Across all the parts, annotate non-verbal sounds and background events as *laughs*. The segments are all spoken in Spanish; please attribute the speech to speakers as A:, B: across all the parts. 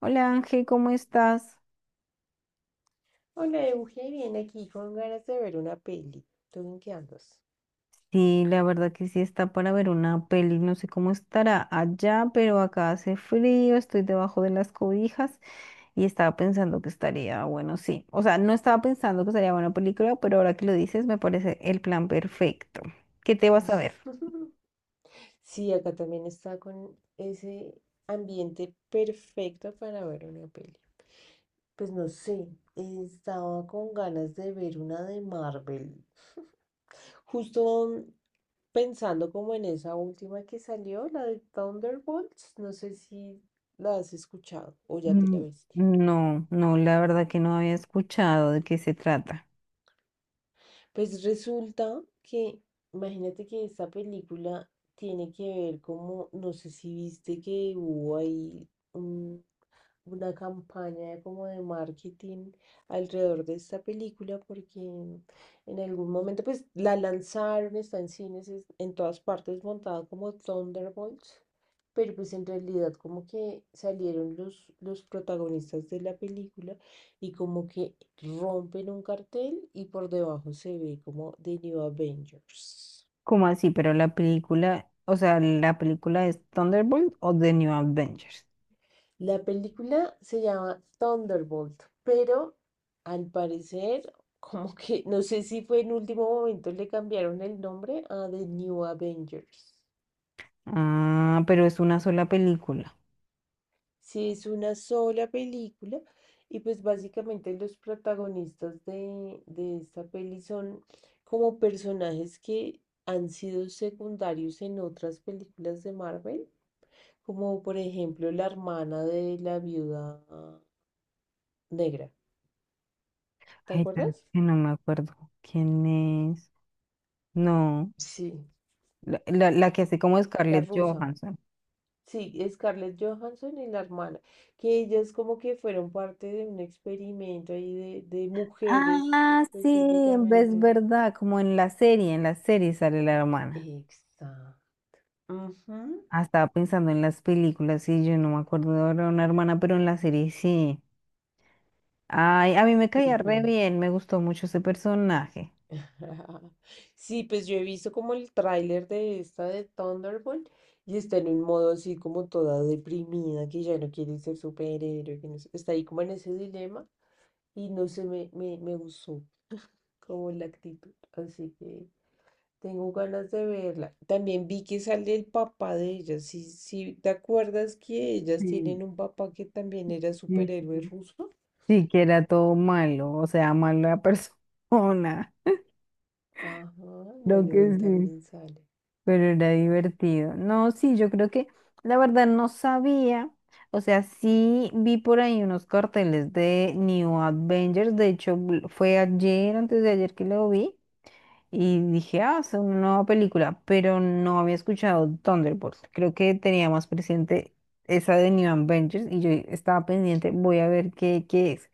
A: Hola Ángel, ¿cómo estás?
B: Hola, Euge, bien aquí con ganas de ver una peli. ¿Tú en qué andas?
A: Sí, la verdad que sí está para ver una peli. No sé cómo estará allá, pero acá hace frío, estoy debajo de las cobijas y estaba pensando que estaría bueno, sí. O sea, no estaba pensando que estaría buena película, pero ahora que lo dices me parece el plan perfecto. ¿Qué te vas a ver?
B: *laughs* Sí, acá también está con ese ambiente perfecto para ver una peli. Pues no sé, estaba con ganas de ver una de Marvel. Justo pensando como en esa última que salió, la de Thunderbolts, no sé si la has escuchado o ya te la
A: Mm.
B: viste.
A: No, no, la verdad que no había escuchado de qué se trata.
B: Pues resulta que, imagínate que esta película tiene que ver como, no sé si viste que hubo ahí una campaña como de marketing alrededor de esta película porque en algún momento pues la lanzaron, está en cines, en todas partes montada como Thunderbolts, pero pues en realidad como que salieron los protagonistas de la película y como que rompen un cartel y por debajo se ve como The New Avengers.
A: ¿Cómo así? Pero la película, o sea, ¿la película es Thunderbolt o The New Avengers?
B: La película se llama Thunderbolt, pero al parecer, *laughs* como que no sé si fue en último momento le cambiaron el nombre a The New Avengers.
A: Ah, pero es una sola película.
B: Sí, es una sola película y pues básicamente los protagonistas de esta peli son como personajes que han sido secundarios en otras películas de Marvel, como por ejemplo la hermana de la viuda negra. ¿Te
A: Ay, pero es
B: acuerdas?
A: que no me acuerdo quién es. No,
B: Sí,
A: la que hace como
B: Sí, la
A: Scarlett
B: rusa,
A: Johansson.
B: sí, Scarlett Johansson y la hermana, que ellas como que fueron parte de un experimento ahí de mujeres
A: Ah, sí, es
B: específicamente.
A: verdad, como en la serie sale la hermana.
B: Exacto. Ujú.
A: Ah, estaba pensando en las películas, sí, yo no me acuerdo de ahora una hermana, pero en la serie sí. Ay, a mí me
B: Sí,
A: caía re
B: sí.
A: bien, me gustó mucho ese personaje.
B: *laughs* Sí, pues yo he visto como el tráiler de esta de Thunderbolt y está en un modo así como toda deprimida, que ya no quiere ser superhéroe, que no sé, está ahí como en ese dilema y no sé, me gustó como la actitud, así que... Tengo ganas de verla. También vi que sale el papá de ellas. Sí, sí, ¿te acuerdas que ellas
A: Sí,
B: tienen un papá que también era
A: sí,
B: superhéroe
A: sí.
B: ruso?
A: Sí, que era todo malo, o sea, mala persona,
B: Ajá,
A: *laughs* creo
B: bueno,
A: que
B: él
A: sí.
B: también sale.
A: Pero era divertido. No, sí, yo creo que la verdad no sabía. O sea, sí vi por ahí unos carteles de New Avengers. De hecho, fue ayer, antes de ayer que lo vi. Y dije, ah, es una nueva película. Pero no había escuchado Thunderbolts. Creo que tenía más presente esa de New Avengers. Y yo estaba pendiente, voy a ver qué, qué es.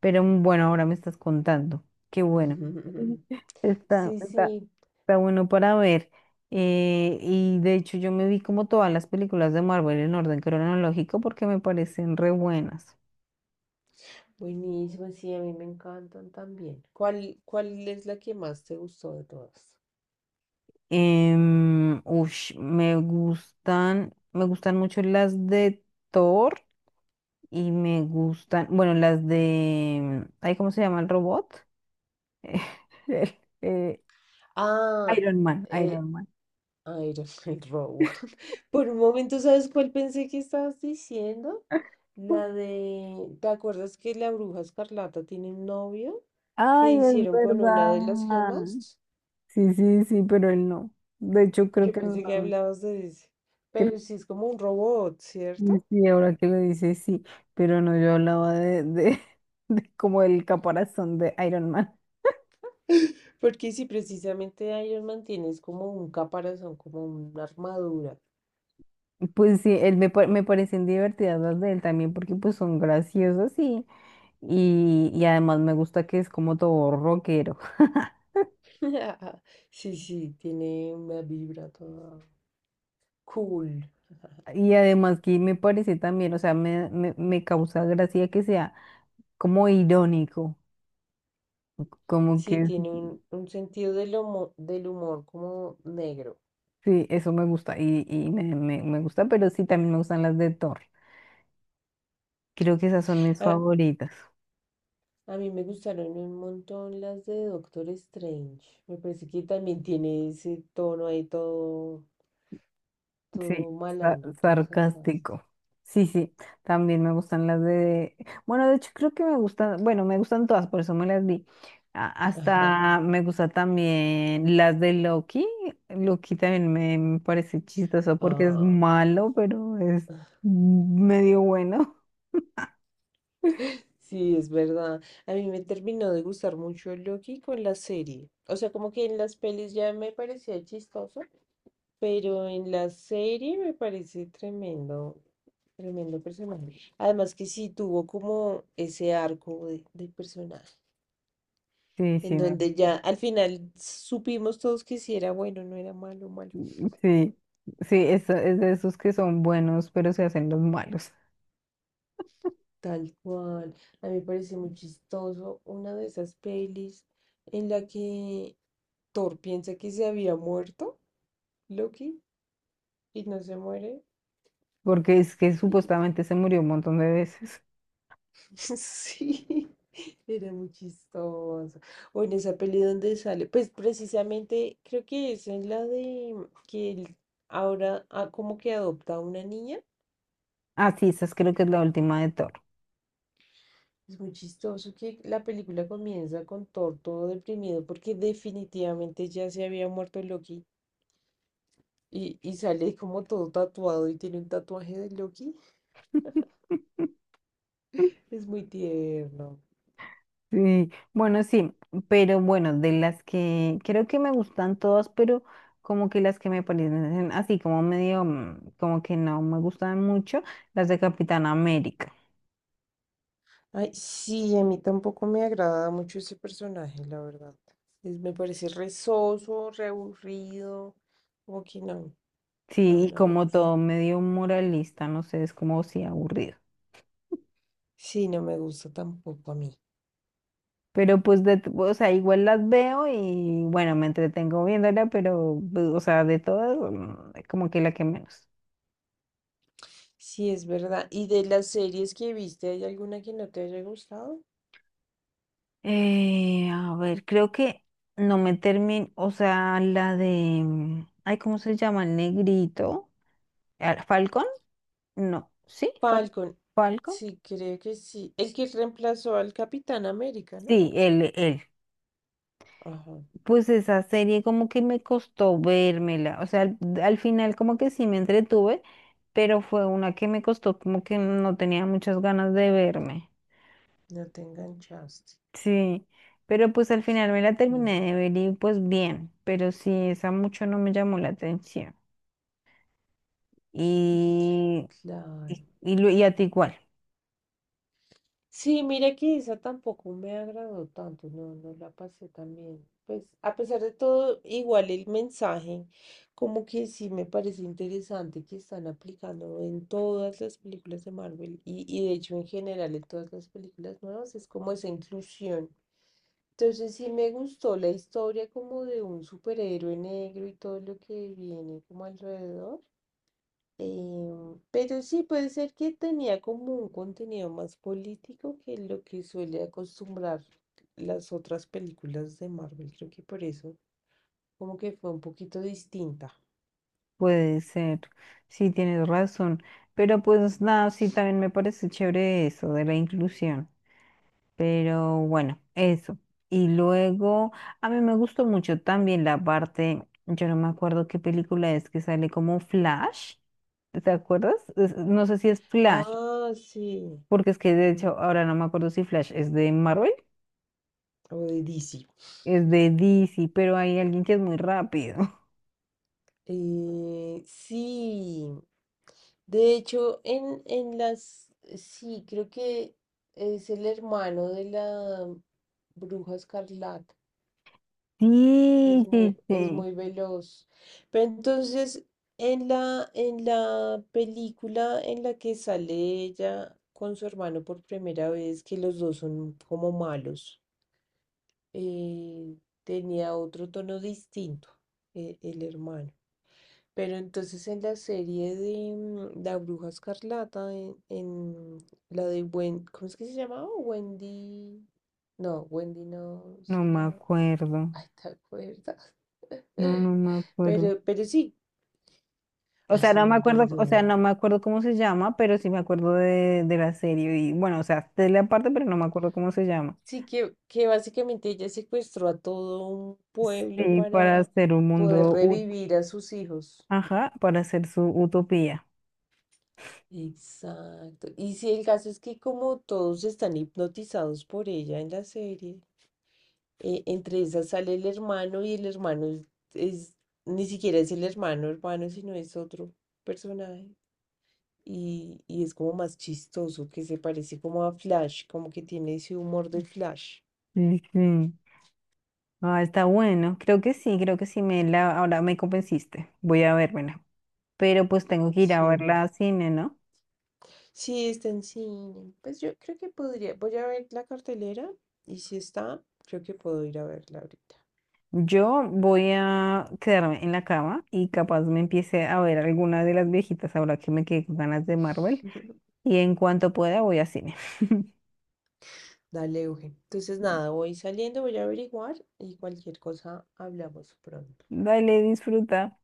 A: Pero bueno, ahora me estás contando. Qué bueno.
B: *laughs*
A: Está,
B: Sí,
A: está,
B: sí,
A: Está bueno para ver. Y de hecho yo me vi como todas las películas de Marvel en orden cronológico porque me parecen re buenas.
B: buenísimo, sí, a mí me encantan también. Cuál es la que más te gustó de todas?
A: Me gustan, me gustan mucho las de Thor y me gustan, bueno, las de, ay, ¿cómo se llama el robot? *laughs* El, eh,
B: Ah,
A: Iron Man,
B: eh.
A: Iron Man.
B: Iron Man *laughs* Row. *laughs* Por un momento, ¿sabes cuál pensé que estabas diciendo? La de, ¿te acuerdas que la bruja escarlata tiene un novio que
A: Ay, es
B: hicieron con una
A: verdad.
B: de las gemas?
A: Sí, sí, sí, pero él no. De hecho, creo
B: Yo
A: que
B: pensé que
A: no.
B: hablabas de ese.
A: Creo
B: Pero sí es como un robot,
A: que
B: ¿cierto?
A: sí, ahora que lo dices, sí, pero no, yo hablaba de *laughs* de como el caparazón de Iron Man.
B: Porque si precisamente Iron Man tiene es como un caparazón, como una armadura.
A: Pues sí, me parecen divertidas las de él también porque pues son graciosas y además me gusta que es como todo rockero. *laughs*
B: *laughs* Sí, sí, tiene una vibra toda cool.
A: Y además que me parece también, o sea, me causa gracia que sea como irónico, como
B: Sí,
A: que
B: tiene un sentido del humor como negro.
A: sí, eso me gusta y me gusta, pero sí también me gustan las de Thor. Creo que esas son mis
B: Ah,
A: favoritas.
B: a mí me gustaron un montón las de Doctor Strange. Me parece que también tiene ese tono ahí
A: Sí,
B: todo malandro, todo sarcástico.
A: sarcástico. Sí, sí, también me gustan las de... Bueno, de hecho creo que me gustan, bueno, me gustan todas, por eso me las vi.
B: *laughs* Ajá.
A: Hasta me gusta también las de Loki. Loki también me parece chistoso porque es
B: Ah,
A: malo, pero es medio bueno.
B: sí, es verdad. A mí me terminó de gustar mucho Loki con la serie. O sea, como que en las pelis ya me parecía chistoso, pero en la serie me parece tremendo. Tremendo personaje. Además que sí tuvo como ese arco de personaje,
A: Sí,
B: en
A: sí, me-
B: donde ya al final supimos todos que sí era bueno, no era malo, malo.
A: sí, sí, es de esos que son buenos, pero se hacen los malos,
B: Tal cual. A mí me parece muy chistoso una de esas pelis en la que Thor piensa que se había muerto, Loki, y no se muere.
A: porque es que supuestamente se murió un montón de veces.
B: *laughs* Sí, era muy chistoso. O en esa peli donde sale, pues precisamente creo que es en la de que él ahora como que adopta a una niña.
A: Ah, sí, esa es creo que es la última de Thor.
B: Es muy chistoso que la película comienza con Thor todo deprimido porque definitivamente ya se había muerto Loki y sale como todo tatuado y tiene un tatuaje de Loki. Es muy tierno.
A: Sí, bueno, sí, pero bueno, de las que creo que me gustan todas, pero como que las que me parecen así como medio, mm, como que no me gustan mucho, las de Capitán América.
B: Ay, sí, a mí tampoco me agrada mucho ese personaje, la verdad. Me parece re soso, re aburrido, como que
A: Sí, y
B: no me
A: como
B: gusta.
A: todo medio moralista, no sé, es como si aburrido.
B: Sí, no me gusta tampoco a mí.
A: Pero pues, o sea, igual las veo y bueno, me entretengo viéndola, pero, pues, o sea, de todas, mm, como que la que menos.
B: Sí, es verdad. ¿Y de las series que viste, hay alguna que no te haya gustado?
A: A ver, creo que no me termino, o sea, la de, mm, ay, ¿cómo se llama? El negrito. Ah, ¿Falcon? No, sí,
B: Falcon,
A: Falcon.
B: sí, creo que sí. El que reemplazó al Capitán América, ¿no?
A: Sí, él, él.
B: Ajá,
A: Pues esa serie como que me costó vérmela, o sea, al final como que sí me entretuve, pero fue una que me costó como que no tenía muchas ganas de verme.
B: no te enganchaste.
A: Sí, pero pues al final me la
B: Mm,
A: terminé de ver y pues bien, pero sí, esa mucho no me llamó la atención. Y,
B: claro.
A: y y a ti igual,
B: Sí, mire que esa tampoco me agradó tanto, no, no la pasé tan bien. Pues a pesar de todo, igual el mensaje, como que sí me parece interesante que están aplicando en todas las películas de Marvel y de hecho en general en todas las películas nuevas, es como esa inclusión. Entonces sí me gustó la historia como de un superhéroe negro y todo lo que viene como alrededor. Pero sí puede ser que tenía como un contenido más político que lo que suele acostumbrar las otras películas de Marvel. Creo que por eso como que fue un poquito distinta.
A: puede ser, sí tienes razón, pero pues nada, sí también me parece chévere eso de la inclusión, pero bueno, eso. Y luego, a mí me gustó mucho también la parte, yo no me acuerdo qué película es que sale como Flash, ¿te acuerdas? No sé si es Flash,
B: Ah, sí.
A: porque es que de
B: mm,
A: hecho ahora no me acuerdo si Flash es de Marvel,
B: o de DC.
A: es
B: *laughs*
A: de DC, pero hay alguien que es muy rápido. *laughs*
B: Sí. De hecho, en las... Sí, creo que es el hermano de la Bruja Escarlata.
A: Sí, sí,
B: Es
A: sí.
B: muy veloz. Pero entonces, en en la película en la que sale ella con su hermano por primera vez, que los dos son como malos, eh, tenía otro tono distinto, el hermano. Pero entonces en la serie de La Bruja Escarlata, en la de Wendy, ¿cómo es que se llamaba? Wendy. No, Wendy no,
A: No me
B: sino.
A: acuerdo.
B: Ay, ¿te acuerdas?
A: No,
B: *laughs*
A: no me acuerdo.
B: Pero sí,
A: O
B: ay,
A: sea,
B: se
A: no
B: me
A: me acuerdo, o sea,
B: olvidó.
A: no me acuerdo cómo se llama, pero sí me acuerdo de la serie. Y bueno, o sea, de la parte, pero no me acuerdo cómo se llama.
B: Sí, que básicamente ella secuestró a todo un pueblo
A: Sí, para
B: para
A: hacer un
B: poder
A: mundo,
B: revivir a sus hijos.
A: ajá, para hacer su utopía.
B: Exacto. Y sí, el caso es que como todos están hipnotizados por ella en la serie, entre esas sale el hermano y el hermano es- ni siquiera es el hermano hermano, sino es otro personaje. Y es como más chistoso, que se parece como a Flash, como que tiene ese humor de Flash.
A: Sí, sí. Ah, está bueno. Creo que sí me la, ahora me convenciste. Voy a vérmela. Pero pues tengo que ir a
B: Sí.
A: verla a cine, ¿no?
B: Sí, está en cine. Pues yo creo que podría, voy a ver la cartelera y si está, creo que puedo ir a verla ahorita.
A: Yo voy a quedarme en la cama y capaz me empiece a ver alguna de las viejitas ahora que me quedé con ganas de Marvel.
B: *laughs*
A: Y en cuanto pueda voy a cine. *laughs*
B: Dale, Eugen. Entonces, nada, voy saliendo, voy a averiguar y cualquier cosa hablamos pronto.
A: Dale, disfruta.